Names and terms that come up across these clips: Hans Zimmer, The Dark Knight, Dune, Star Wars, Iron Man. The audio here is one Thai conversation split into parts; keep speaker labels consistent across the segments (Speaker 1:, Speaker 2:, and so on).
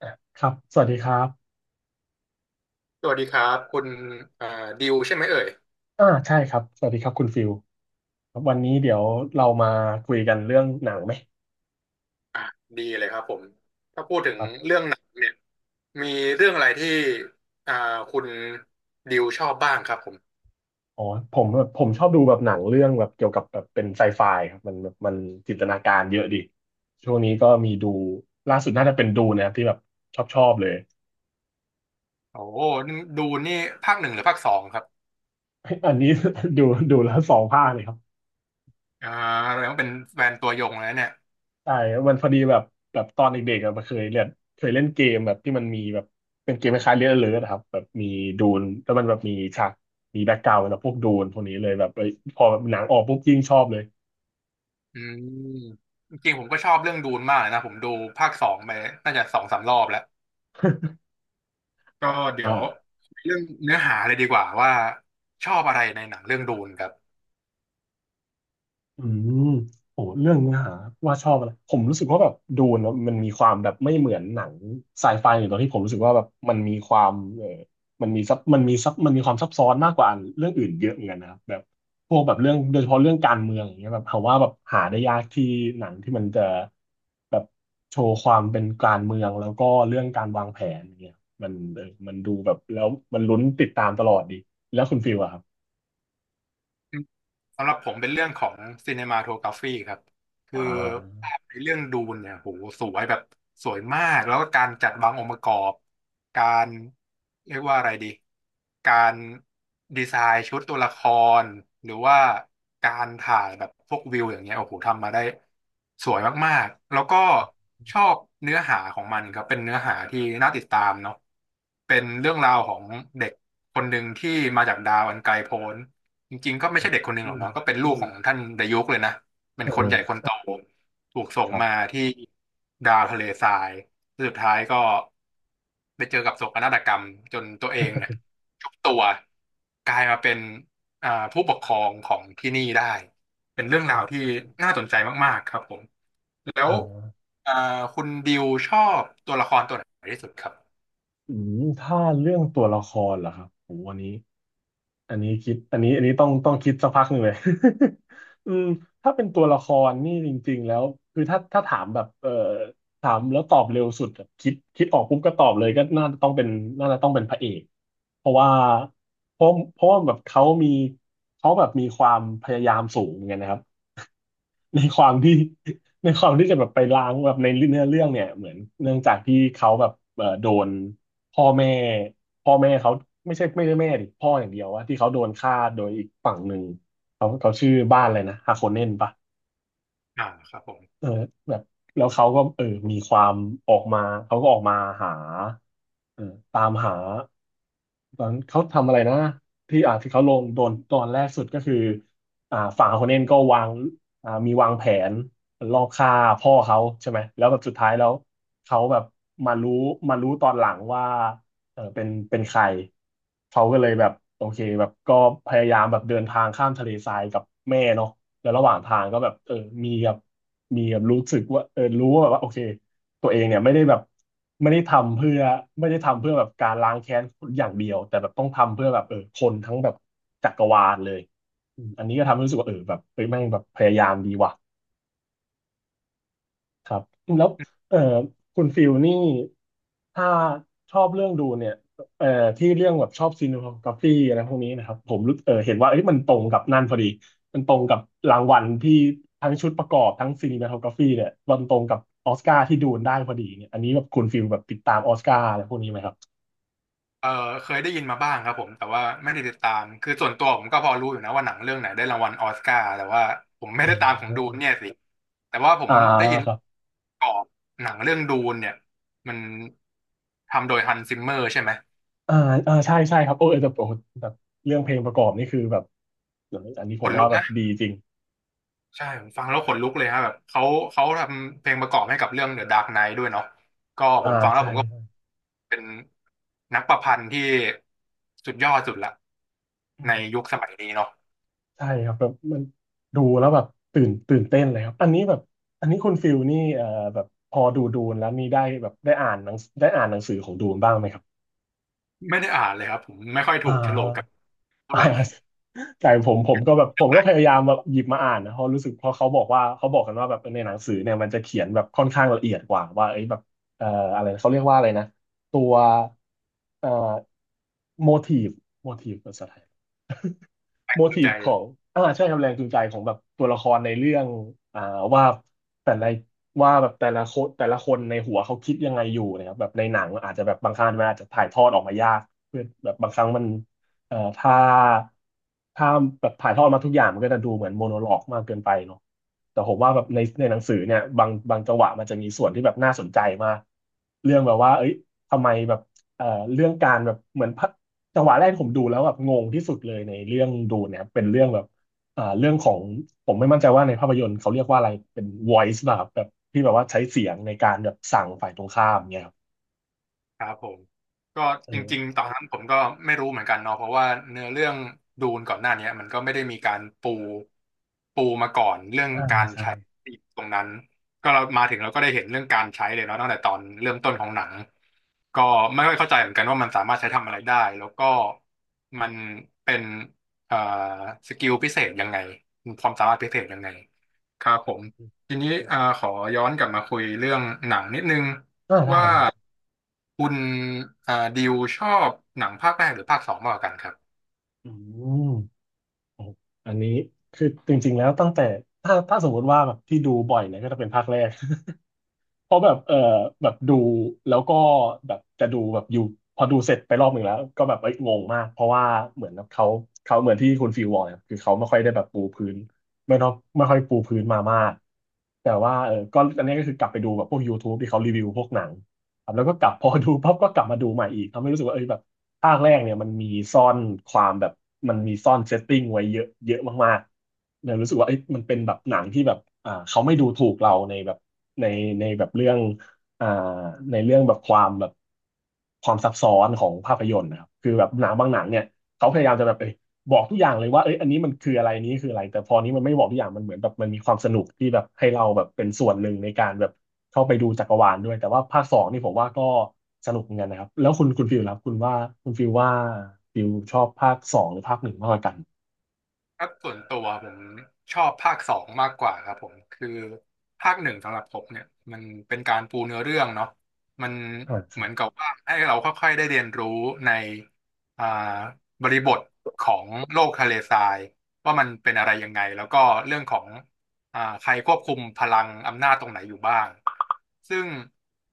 Speaker 1: อ่ะครับ สวัสดีครับ
Speaker 2: สวัสดีครับคุณเอ่อดิวใช่ไหมเอ่ย
Speaker 1: อ่าใช่ครับ สวัสดีครับคุณฟิลครับวันนี้เดี๋ยวเรามาคุยกันเรื่องหนังไหม
Speaker 2: อ่ะดีเลยครับผมถ้าพูดถึง
Speaker 1: ครับ
Speaker 2: เรื่องหนังเนี่ยมีเรื่องอะไรที่อ่าคุณดิวชอบบ้างครับผม
Speaker 1: อ๋อผมผมชอบดูแบบหนังเรื่องแบบเกี่ยวกับแบบเป็นไซไฟครับมันแบบมันจินตนาการเยอะดีช่วงนี้ก็มีดูล่าสุดน่าจะเป็นดูนะครับที่แบบชอบเลย
Speaker 2: โอ้โหนี่ดูนี่ภาคหนึ่งหรือภาคสองครับ
Speaker 1: อันนี้ ดูดูแล้วสองภาคเลยครับ
Speaker 2: อ่าแสดงว่าเป็นแฟนตัวยงแล้วเนี่ย
Speaker 1: ใช่มันพอดีแบบแบบตอนเด็กๆอะเคยเล่นเกมแบบที่มันมีแบบเป็นเกมคล้ายๆเล่นเลิร์ครับแบบมีดูนแล้วมันแบบมีฉากมีแบ็กกราวด์แบบพวกดูนพวกนี้เลยแบบเอ้ยพอแบบหนังออกปุ๊บยิ่งชอบเลย
Speaker 2: อืมจริงๆผมก็ชอบเรื่องดูนมากเลยนะผมดูภาคสองไปน่าจะสองสามรอบแล้ว ก็เดี๋
Speaker 1: อ่า
Speaker 2: ยวเรื่องเนื้อหาเลยดีกว่าว่าชอบอะไรในหนังเรื่องดูนครับ
Speaker 1: อืมโอ้เรื่องเนื้อหาว่าชอบอะไรผมรู้สึกว่าแบบดูนะมันมีความแบบไม่เหมือนหนังไซไฟอยู่ตรงที่ผมรู้สึกว่าแบบมันมีความเออมันมีซับมันมีซับมันมีความซับซ้อนมากกว่าเรื่องอื่นเยอะเหมือนกันนะครับแบบพวกแบบเรื่องโดยเฉพาะเรื่องการเมืองอย่างเงี้ยแบบผมว่าแบบหาได้ยากที่หนังที่มันจะแบบโชว์ความเป็นการเมืองแล้วก็เรื่องการวางแผนอย่างเงี้ยมันมันดูแบบแล้วมันลุ้นติดตามตลอดดีแล้วคุณฟิลอะครับ
Speaker 2: สำหรับผมเป็นเรื่องของซีเนมาโทกราฟีครับคื
Speaker 1: อ่
Speaker 2: อ
Speaker 1: า
Speaker 2: ภาพในเรื่องดูนเนี่ยโหสวยแบบสวยมากแล้วก็การจัดวางองค์ประกอบการเรียกว่าอะไรดีการดีไซน์ชุดตัวละครหรือว่าการถ่ายแบบพวกวิวอย่างเงี้ยโอ้โหทำมาได้สวยมากๆแล้วก็ชอบเนื้อหาของมันครับเป็นเนื้อหาที่น่าติดตามเนาะเป็นเรื่องราวของเด็กคนหนึ่งที่มาจากดาวอันไกลโพ้น จริงๆก็ไม่ใช่เด็กคนหนึ่ง
Speaker 1: อื
Speaker 2: หรอก
Speaker 1: ม
Speaker 2: เนาะก็เป็นลูกของท่านดายุกเลยนะเป็น
Speaker 1: เอ
Speaker 2: คนใหญ่คน
Speaker 1: อ
Speaker 2: โตถูกส่
Speaker 1: ค
Speaker 2: ง
Speaker 1: รั
Speaker 2: มา
Speaker 1: บ
Speaker 2: ที่ดาวทะเลทรายแล้วสุดท้ายก็ไปเจอกับโศกนาฏกรรมจนตัวเองเนี่ยยุบตัวกลายมาเป็นผู้ปกครองของที่นี่ได้เป็นเรื่องราวที่น่าสนใจมากๆครับผมแล้
Speaker 1: อ่
Speaker 2: ว
Speaker 1: า
Speaker 2: อ่าคุณดิวชอบตัวละครตัวไหนที่สุดครับ
Speaker 1: อืมถ้าเรื่องตัวละครเหรอครับโหอันนี้อันนี้คิดอันนี้อันนี้ต้องคิดสักพักหนึ่งเลย อืมถ้าเป็นตัวละครนี่จริงๆแล้วคือถ้าถามแบบถามแล้วตอบเร็วสุดอะคิดออกปุ๊บก็ตอบเลยก็น่าจะต้องเป็นน่าจะต้องเป็นพระเอก เพราะว่าเพราะว่าแบบเขามีเขาแบบมีความพยายามสูงเหมือนกันนะครับ ในความที่ในความที่จะแบบไปล้างแบบในเนื้อเรื่องเนี่ยเหมือนเนื่องจากที่เขาแบบโดนพ่อแม่พ่อแม่เขาไม่ใช่ไม่ได้แม่ดิพ่ออย่างเดียวว่าที่เขาโดนฆ่าโดยอีกฝั่งหนึ่งเขาชื่อบ้านอะไรนะฮาโคเนนปะ
Speaker 2: อ่าครับผม
Speaker 1: เออแบบแล้วเขาก็เออมีความออกมาเขาก็ออกมาหาเออตามหา ตอนเขาทำอะไรนะที่ที่เขาลงโดนตอนแรกสุดก็คืออ่าฝั่งคนเนนก็วางมีวางแผนลอบฆ่าพ่อเขาใช่ไหมแล้วแบบสุดท้ายแล้วเขาแบบมารู้มารู้ตอนหลังว่าเออเป็นใครเขาก็เลยแบบโอเคแบบก็พยายามแบบเดินทางข้ามทะเลทรายกับแม่เนาะแล้วระหว่างทางก็แบบเออมีแบบมีแบบรู้สึกว่าเออรู้ว่าแบบว่าโอเค ตัวเองเนี่ยไม่ได้แบบไม่ได้ทำเพื่อไม่ได้ทำเพื่อแบบการล้างแค้นอย่างเดียวแต่แบบต้องทำเพื่อแบบเออคนทั้งแบบจักรวาลเลยอืมอันนี้ก็ทำให้รู้สึกว่าเออแบบเฮ้ยแม่งแบบพยายามดีว่ะ ครับแล้วเอ่อคุณฟิลนี่ถ้าชอบเรื่องดูเนี่ยเอ่อที่เรื่องแบบชอบซีนิโทกราฟีอะไรพวกนี้นะครับผมรู้เออเห็นว่าเอ้ยมันตรงกับนั่นพอดีมันตรงกับรางวัลที่ทั้งชุดประกอบทั้งซีนิโทกราฟีเนี่ยมันตรงกับออสการ์ที่ดูนได้พอดีเนี่ยอันนี้แบบคุณฟิลแบบติดตามออสการ์อะไรพวกนี้ไหมครับ
Speaker 2: เออเคยได้ยินมาบ้างครับผมแต่ว่าไม่ได้ติดตามคือส่วนตัวผมก็พอรู้อยู่นะว่าหนังเรื่องไหนได้รางวัลออสการ์แต่ว่าผมไม่
Speaker 1: อ๋
Speaker 2: ได้ตามของดูน
Speaker 1: อ
Speaker 2: เนี่ยสิแต่ว่าผม
Speaker 1: อ่า
Speaker 2: ได้ยิน
Speaker 1: ครับ
Speaker 2: กรอบหนังเรื่องดูนเนี่ยมันทำโดยฮันซิมเมอร์ใช่ไหม
Speaker 1: อ่าอ่าใช่ใช่ครับโอ้เออแต่โอ้แบบเรื่องเพลงประกอบนี่คือแบบอันนี้ผ
Speaker 2: ข
Speaker 1: ม
Speaker 2: น
Speaker 1: ว่า
Speaker 2: ลุก
Speaker 1: แบบ
Speaker 2: นะ
Speaker 1: ดีจริง
Speaker 2: ใช่ผมฟังแล้วขนลุกเลยฮะแบบเขาเขาทำเพลงประกอบให้กับเรื่อง The Dark Knight ด้วยเนาะก็ผ
Speaker 1: อ่า
Speaker 2: มฟังแล้ว
Speaker 1: ใช่
Speaker 2: ผมก็เป็นนักประพันธ์ที่สุดยอดสุดละใน
Speaker 1: ใช่
Speaker 2: ยุคสมัยนี้เนาะ
Speaker 1: ใช่ครับแบบมันดูแล้วแบบตื่นเต้นเลยครับอันนี้แบบอันนี้คุณฟิลนี่แบบพอดูนแล้วมีได้แบบได้อ่านหนังได้อ่านหนังสือของดูนบ้างไหมครับ
Speaker 2: ไม่ได้อ่านเลยครับผมไม่ค่อยถู
Speaker 1: อ่า
Speaker 2: กโฉลกกับ เท่า
Speaker 1: อ่า
Speaker 2: ไหร่
Speaker 1: แต่ผมก็แบบผมก็พยายามแบบหยิบมาอ่านนะเพราะรู้สึกเพราะเขาบอกว่าเขาบอกกันว่าแบบในหนังสือเนี่ยมันจะเขียนแบบค่อนข้างละเอียดกว่าว่าเอ้ยแบบเอ่ออะไรนะเขาเรียกว่าอะไรนะตัวเอ่อโมทีฟโมทีฟภาษาไทย
Speaker 2: แปล
Speaker 1: โม
Speaker 2: กจูง
Speaker 1: ที
Speaker 2: ใจ
Speaker 1: ฟของอ่าใช่ครับแรงจูงใจของแบบตัวละครในเรื่องอ่าว่าแต่ละแบบแต่ละคนแต่ละคนในหัวเขาคิดยังไงอยู่นะครับแบบในหนังอาจจะแบบบางครั้งมันอาจจะถ่ายทอดออกมายากเพื่อแบบบางครั้งมันเอ่อถ้าถ้าแบบถ่ายทอดมาทุกอย่างมันก็จะดูเหมือนโมโนโลกมากเกินไปเนาะแต่ผมว่าแบบในหนังสือเนี่ยบางจังหวะมันจะมีส่วนที่แบบน่าสนใจมากเรื่องแบบว่าเอ้ยทำไมแบบเอ่อเรื่องการแบบเหมือนพระ จังหวะแรกที่ผมดูแล้วแบบงงที่สุดเลยในเรื่องดูเนี่ยเป็นเรื่องแบบอ่าเรื่องของผมไม่มั่นใจว่าในภาพยนตร์เขาเรียกว่าอะไรเป็น voice ป่ะครับแบบที่แบบว่าใช้เสียงในการแบบสั่งฝ่ายตรงข้ามเนี่ยครับ
Speaker 2: ครับผมก็
Speaker 1: เอ
Speaker 2: จ
Speaker 1: อ
Speaker 2: ริงๆตอนนั้นผมก็ไม่รู้เหมือนกันเนาะเพราะว่าเนื้อเรื่องดูนก่อนหน้าเนี้ยมันก็ไม่ได้มีการปูปูมาก่อนเรื่อง
Speaker 1: อ่า
Speaker 2: การ
Speaker 1: ใช่
Speaker 2: ใช้ตรงนั้นก็เรามาถึงเราก็ได้เห็นเรื่องการใช้เลยเนาะตั้งแต่ตอนเริ่มต้นของหนัง ก็ไม่ค่อยเข้าใจเหมือนกันว่ามันสามารถใช้ทำอะไรได้แล้วก็มันเป็นเอ่อสกิลพิเศษยังไงความสามารถพิเศษยังไงครับผมทีนี้ขอย้อนกลับมาคุยเรื่องหนังนิดนึง
Speaker 1: อ่าได้
Speaker 2: ว่า
Speaker 1: ได้
Speaker 2: คุณดิวชอบหนังภาคแรกหรือภาคสองมากกว่ากันครับ
Speaker 1: อืมโอ้อันนี้คือจริงๆแล้วตั้งแต่ถ้าสมมติว่าแบบที่ดูบ่อยเนี่ยก็จะเป็นภาคแรก เพราะแบบเออแบบดูแล้วก็แบบจะดูแบบอยู่พอดูเสร็จไปรอบหนึ่งแล้วก็แบบเอ้ยงงมากเพราะว่าเหมือนเขาเขาเหมือนที่คุณฟิวบอกเนี่ยคือเขาไม่ค่อยได้แบบปูพื้นไม่ต้องไม่ค่อยปูพื้นมามากแต่ว่าเออก็อันนี้ก็คือกลับไปดูแบบพวก YouTube ทบที่เขารีวิวพวกหนัง ครับแล้วก็กลับ พอดูปั๊บก็กลับมาดูใหม่อีกทำให้รู้สึกว่าเอ้ยแบบภาคแรกเนี่ยมันมีซ่อนความแบบมันมีซ่อนเซตติ้งไว้เยอะเยอะมากๆเลยรู้สึกว่าเอ้ยมันเป็นแบบหนังที่แบบอ่าเขาไม่ดูถูกเราในแบบในในแบบเรื่องอ่าในเรื่องแบบความแบบความซับซ้อนของภาพยนตร์นะครับคือแบบหนังบางหนังเนี่ยเขาพยายามจะแบบเอ้ย บอกทุกอย่างเลยว่าเอ้ยอันนี้มันคืออะไรนี้คืออะไรแต่พอนี้มันไม่บอกทุกอย่างมันเหมือนแบบมันมีความสนุกที่แบบให้เราแบบเป็นส่วนหนึ่งในการแบบเข้าไปดูจักรวาลด้วยแต่ว่าภาคสองนี่ผมว่าก็สนุกเหมือนกันนะครับแล้วคุณฟิลครับคุณว่าคุณฟิลว่าฟิลชอบภาคสองหรือภาคหนึ่งมากกว่ากัน
Speaker 2: ครับส่วนตัวผมชอบภาคสองมากกว่าครับผมคือภาคหนึ่งสำหรับผมเนี่ยมันเป็นการปูเนื้อเรื่องเนาะมัน
Speaker 1: อ่าค
Speaker 2: เห
Speaker 1: รั
Speaker 2: มื
Speaker 1: บ
Speaker 2: อนกับว่าให้เราค่อยๆได้เรียนรู้ในอ่าบริบทของโลกทะเลทรายว่ามันเป็นอะไรยังไงแล้วก็เรื่องของใครควบคุมพลังอำนาจตรงไหนอยู่บ้างซึ่ง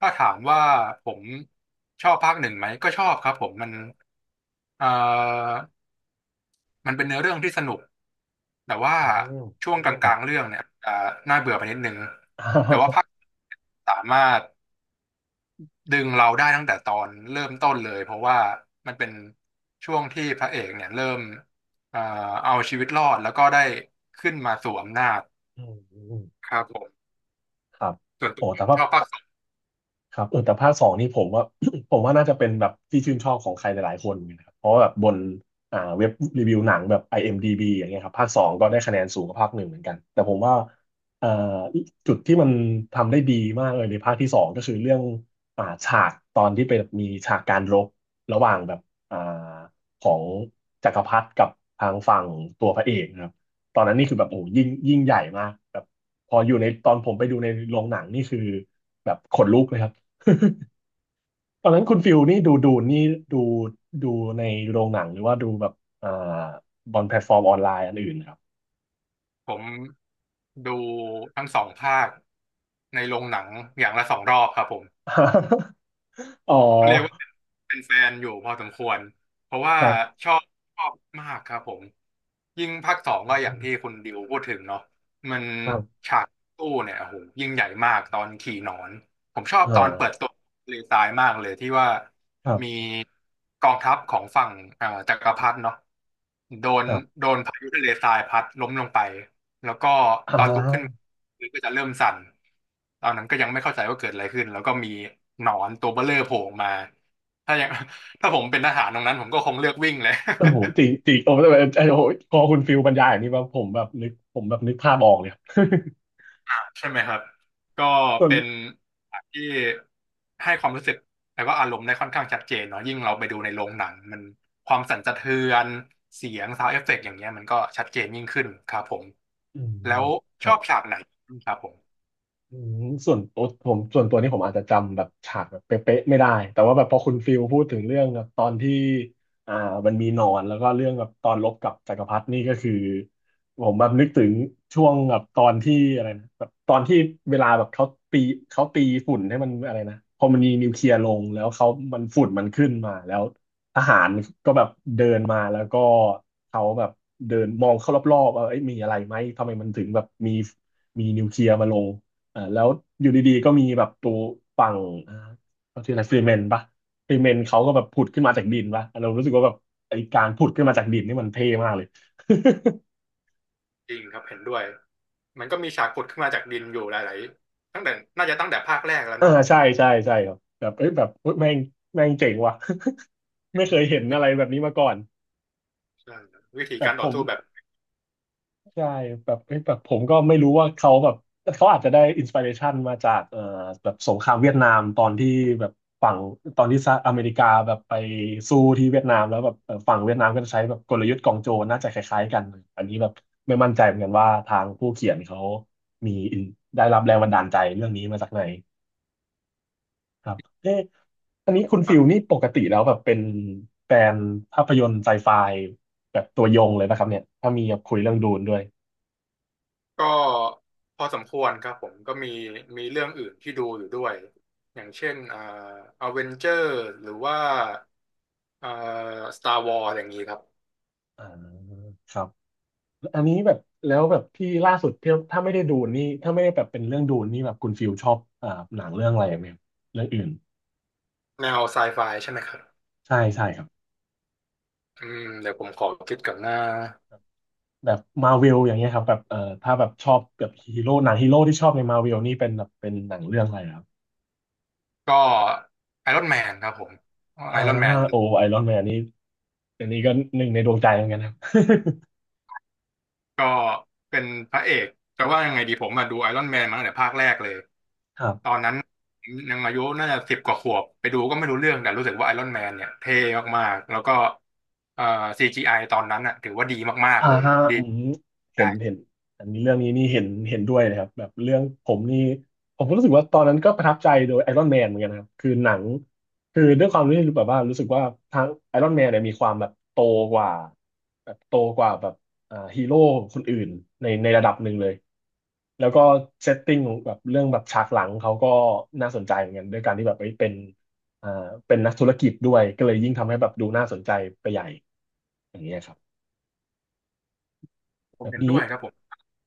Speaker 2: ถ้าถามว่าผมชอบภาคหนึ่งไหมก็ชอบครับผมมันเอ่อมันเป็นเนื้อเรื่องที่สนุก แต่ว่า
Speaker 1: อืม
Speaker 2: ช่วงก
Speaker 1: ครั
Speaker 2: ลา
Speaker 1: บ
Speaker 2: งๆเรื่องเนี่ยจะน่าเบื่อไปนิดนึงแต่ว่าภาค สามารถดึงเราได้ตั้งแต่ตอนเริ่มต้นเลยเพราะว่ามันเป็นช่วงที่พระเอกเนี่ยเริ่มเอ่อเอาชีวิตรอดแล้วก็ได้ขึ้นมาสวมอำนาจ
Speaker 1: อืมอืม
Speaker 2: ครับผม
Speaker 1: ครับ
Speaker 2: ส่วนตั
Speaker 1: โอ้
Speaker 2: ว
Speaker 1: แต่ว่า
Speaker 2: ชอบภาคสอง
Speaker 1: ครับเออแต่ภาคสองนี่ผมว่า ผมว่าน่าจะเป็นแบบที่ชื่นชอบของใครหลายๆคนเหมือนกันนะครับเพราะว่าแบบบนอ่าเว็บรีวิวหนังแบบ IMDb อเอ็มดีบีอย่างเงี้ยครับภาคสองก็ได้คะแนนสูงกว่าภาคหนึ่งเหมือนกันแต่ผมว่าเอ่อจุดที่มันทำได้ดีมากเลยในภาคที่สองก็คือเรื่องอ่าฉากตอนที่เป็นมีฉากการรบระหว่างแบบอ่าของจักรพรรดิกับทางฝั่งตัวพระเอกนะครับตอนนั้นนี่คือแบบโอ้โหยิ่งใหญ่มากแบบพออยู่ในตอนผมไปดูในโรงหนังนี่คือแบบขนลุกเลยครับ ตอนนั้นคุณฟิลนี่ดูดูในโรงหนังหรือว่าดูแบบอ่าบนแพลตฟอร์มออนไลน์อันอื่นครับ
Speaker 2: ผมดูทั้งสองภาคในโรงหนังอย่างละสองรอบครับผม
Speaker 1: อ๋อ
Speaker 2: ก็เรียกว่าเป็นเป็นแฟนอยู่พอสมควรเพราะว่า
Speaker 1: ครับ
Speaker 2: ชอบชอบมากครับผมยิ่งภาคสองก็อย่างที่คุณดิวพูดถึงเนาะมัน
Speaker 1: ครับ
Speaker 2: ฉากตู้เนี่ยโอ้โหยิ่งใหญ่มากตอนขี่หนอนผมชอบ
Speaker 1: อ่า
Speaker 2: ตอนเปิดตัวเลทายมากเลยที่ว่า
Speaker 1: ครั
Speaker 2: มี
Speaker 1: บ
Speaker 2: กองทัพของฝั่งจักรพรรดิเนาะโดน
Speaker 1: ครับ
Speaker 2: โดนพายุทะเลทรายพัดล้มลงไป แล้วก็
Speaker 1: อ่
Speaker 2: ตอนลุกขึ้น
Speaker 1: า
Speaker 2: มือก็จะเริ่มสั่นตอนนั้นก็ยังไม่เข้าใจว่าเกิดอะไรขึ้นแล้วก็มีหนอนตัวเบ้อเร่อโผล่ออกมาถ้ายัง ถ้าผมเป็นทหารตรงนั้นผมก็คงเลือกวิ่งเลย
Speaker 1: โอ้โหจริงจริงโอ้โหไอ้โอ้โหพอคุณฟิลบรรยายอย่างนี้ว่าผมแบบนึกภาพออกเลยครับ
Speaker 2: ใช่ไหมครับก็
Speaker 1: ส่วน
Speaker 2: เป็นฉากที่ให้ความรู้สึกแล้วก็อารมณ์ได้ค่อนข้างชัดเจนเนาะยิ่งเราไปดูในโรงหนังมันความสั่นสะเทือนเสียงซาวด์เอฟเฟกต์อย่างเงี้ยมันก็ชัดเจนยิ่งขึ้นครับผม
Speaker 1: อื
Speaker 2: แล้
Speaker 1: ม
Speaker 2: ว
Speaker 1: ค
Speaker 2: ช
Speaker 1: รั
Speaker 2: อ
Speaker 1: บ
Speaker 2: บฉากไหนครับผม
Speaker 1: อืมส่วนตัวผมส่วนตัวนี่ผมอาจจะจำแบบฉากแบบเป๊ะๆไม่ได้แต่ว่าแบบพอคุณฟิลพูดถึงเรื่องแบบตอนที่อ่ามันมีหนอนแล้วก็เรื่องแบบตอนรบกับจักรพรรดินี่ก็คือผมแบบนึกถึงช่วงแบบตอนที่อะไรนะแบบตอนที่เวลาแบบเขาตีเขาตีฝุ่นให้มันอะไรนะพอมันมีนิวเคลียร์ลงแล้วเขามันฝุ่นมันขึ้นมาแล้วทหารก็แบบเดินมาแล้วก็เขาแบบเดินมองเข้ารอบๆว่าเอ้ยมีอะไรไหมทำไมมันถึงแบบมีนิวเคลียร์มาลง เอ่าแล้วอยู่ดีๆก็มีแบบตัวฝั่งเอ่าเขาชื่ออะไรฟรีเมนปะฟรีเมนเขาก็แบบผุดขึ้นมาจากดินปะเรารู้สึกว่าแบบไอ้การผุดขึ้นมาจากดินนี่มันเท่มากเลย
Speaker 2: จริงครับเห็นด้วย มันก็มีฉากขุดขึ้นมาจากดินอยู่หลายๆตั้งแต่น่าจะตั้งแต่ภาคแรกแล้ว
Speaker 1: อ่า
Speaker 2: เนาะ
Speaker 1: ใช่ใช่ใช่ครับแบบเอ้ยแบบเฮ้ยแม่งแม่งเจ๋งว่ะ ไม่
Speaker 2: อื
Speaker 1: เคยเห็
Speaker 2: ม
Speaker 1: นอะไรแบบนี้มาก่อน
Speaker 2: ใช่วิธี
Speaker 1: แบบ
Speaker 2: การ
Speaker 1: ผ
Speaker 2: ต่อ
Speaker 1: ม
Speaker 2: สู้แบบ
Speaker 1: ใช่แบบเอ้ยแบบผมก็ไม่รู้ว่าเขาแบบเขาอาจจะได้อินสปิเรชันมาจากแบบสงครามเวียดนามตอนที่แบบฝั่งตอนที่สหรัฐอเมริกาแบบไปสู้ที่เวียดนามแล้วแบบฝั่งเวียดนามก็จะใช้แบบกลยุทธ์กองโจรน่าจะคล้ายๆกันอันนี้แบบไม่มั่นใจเหมือนกันว่าทางผู้เขียนเขามีอินได้รับแรงบันดาลใจเรื่องนี้มาจากไหนครับเอ๊ะอันนี้คุณ
Speaker 2: ค
Speaker 1: ฟิ
Speaker 2: รั
Speaker 1: ลนี่
Speaker 2: บ
Speaker 1: ปกติแล้วแบบเป็นแฟนภาพยนตร์ไซไฟแบบตัวยงเลยนะครับเนี่ยถ้ามีแบบคุยเรื่องดูนด้วย
Speaker 2: ก็พอสมควรครับผมก็มีมีเรื่องอื่นที่ดูอยู่ด้วยอย่างเช่นอเวนเจอร์หรือว่าเอ่อสตาร์วอร์อย่างนี้ครับ
Speaker 1: อ่าครับอันนี้แบบแล้วแบบที่ล่าสุดที่ถ้าไม่ได้ดูนี่ถ้าไม่ได้แบบเป็นเรื่องดูนี่แบบคุณฟิลชอบอ่าหนังเรื่องอะไรไหมครับเรื่องอื่น
Speaker 2: แนวไซไฟใช่ไหมครับ
Speaker 1: ใช่ใช่ครับ
Speaker 2: อืมเดี๋ยวผมขอคิดกับหน้า
Speaker 1: แบบมาเวลอย่างเงี้ยครับแบบถ้าแบบชอบแบบฮีโร่หนังฮีโร่ที่ชอบในมาเวลนี่เป็นแบบเป็นหนังเรื่องอะไรครับ
Speaker 2: ก็ไอรอนแมนครับผมไอ
Speaker 1: อ่า
Speaker 2: รอนแมนอ
Speaker 1: โอ
Speaker 2: ยู่
Speaker 1: ไอรอนแมนนี่อันนี้ก็หนึ่งในดวงใจเหมือนกันครับ
Speaker 2: ก็เป็นพระเอกแต่ว่ายังไงดีผมมาดูไอรอนแมนมาตั้งแต่ภาคแรกเลย
Speaker 1: ครับ
Speaker 2: นางมายุน่าจะสิบกว่าขวบไปดูก็ไม่รู้เรื่องแต่รู้สึกว่าไอรอนแมนเนี่ยเท่มากๆแล้วก็เอ่อ CGI ตอนนั้นอ่ะถือว่าดีมาก
Speaker 1: อ่า
Speaker 2: ๆเลยดี
Speaker 1: อืมเห็นเห็นอันนี้เรื่องนี้นี่เห็นด้วยเลยครับแบบเรื่องผมนี่ผมก็รู้สึกว่าตอนนั้นก็ประทับใจโดยไอรอนแมนเหมือนกันนะครับคือหนังคือด้วยความที่แบบว่ารู้สึกว่าทางไอรอนแมนเนี่ยมีความแบบโตกว่าแบบโตกว่าแบบอ่าฮีโร่คนอื่นในระดับหนึ่งเลยแล้วก็เซตติ้งของแบบเรื่องแบบฉากหลังเขาก็น่าสนใจเหมือนกันด้วยการที่แบบเอ้ยเป็นอ่าเป็นนักธุรกิจด้วยก็เลยยิ่งทำให้แบบดูน่าสนใจไปใหญ่อย่างเงี้ยครับ
Speaker 2: ผ
Speaker 1: แบ
Speaker 2: ม
Speaker 1: บ
Speaker 2: เห็น
Speaker 1: นี้
Speaker 2: ด้วยครับผม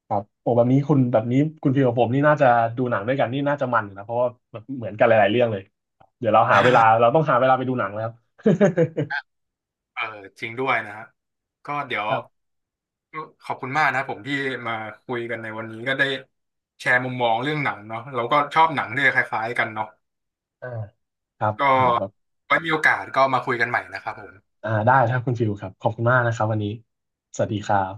Speaker 1: ครับโอ้แบบนี้คุณแบบนี้คุณฟิลกับผมนี่น่าจะดูหนังด้วยกันนี่น่าจะมันอยู่นะเพราะว่าแบบเหมือนกันหลายๆเรื่องเลยเดี๋ยวเราหาเวลาเราต้ องหาเวลาไปดูหนังแล้ว
Speaker 2: เออจริงด้วยนะฮะก็เดี๋ยว
Speaker 1: ครับ
Speaker 2: ขอบคุณมากนะครับผมที่มาคุยกันในวันนี้ก็ได้แชร์มุมมองเรื่องหนังเนาะเราก็ชอบหนังด้วยคล้ายๆกันเนาะ
Speaker 1: อ่าครับ
Speaker 2: ก็
Speaker 1: โหแบบ
Speaker 2: ไว้มีโอกาสก็มาคุยกันใหม่นะครับผม
Speaker 1: อ่าได้ครับคุณฟิลครับขอบคุณมากนะครับวันนี้สวัสดีครับ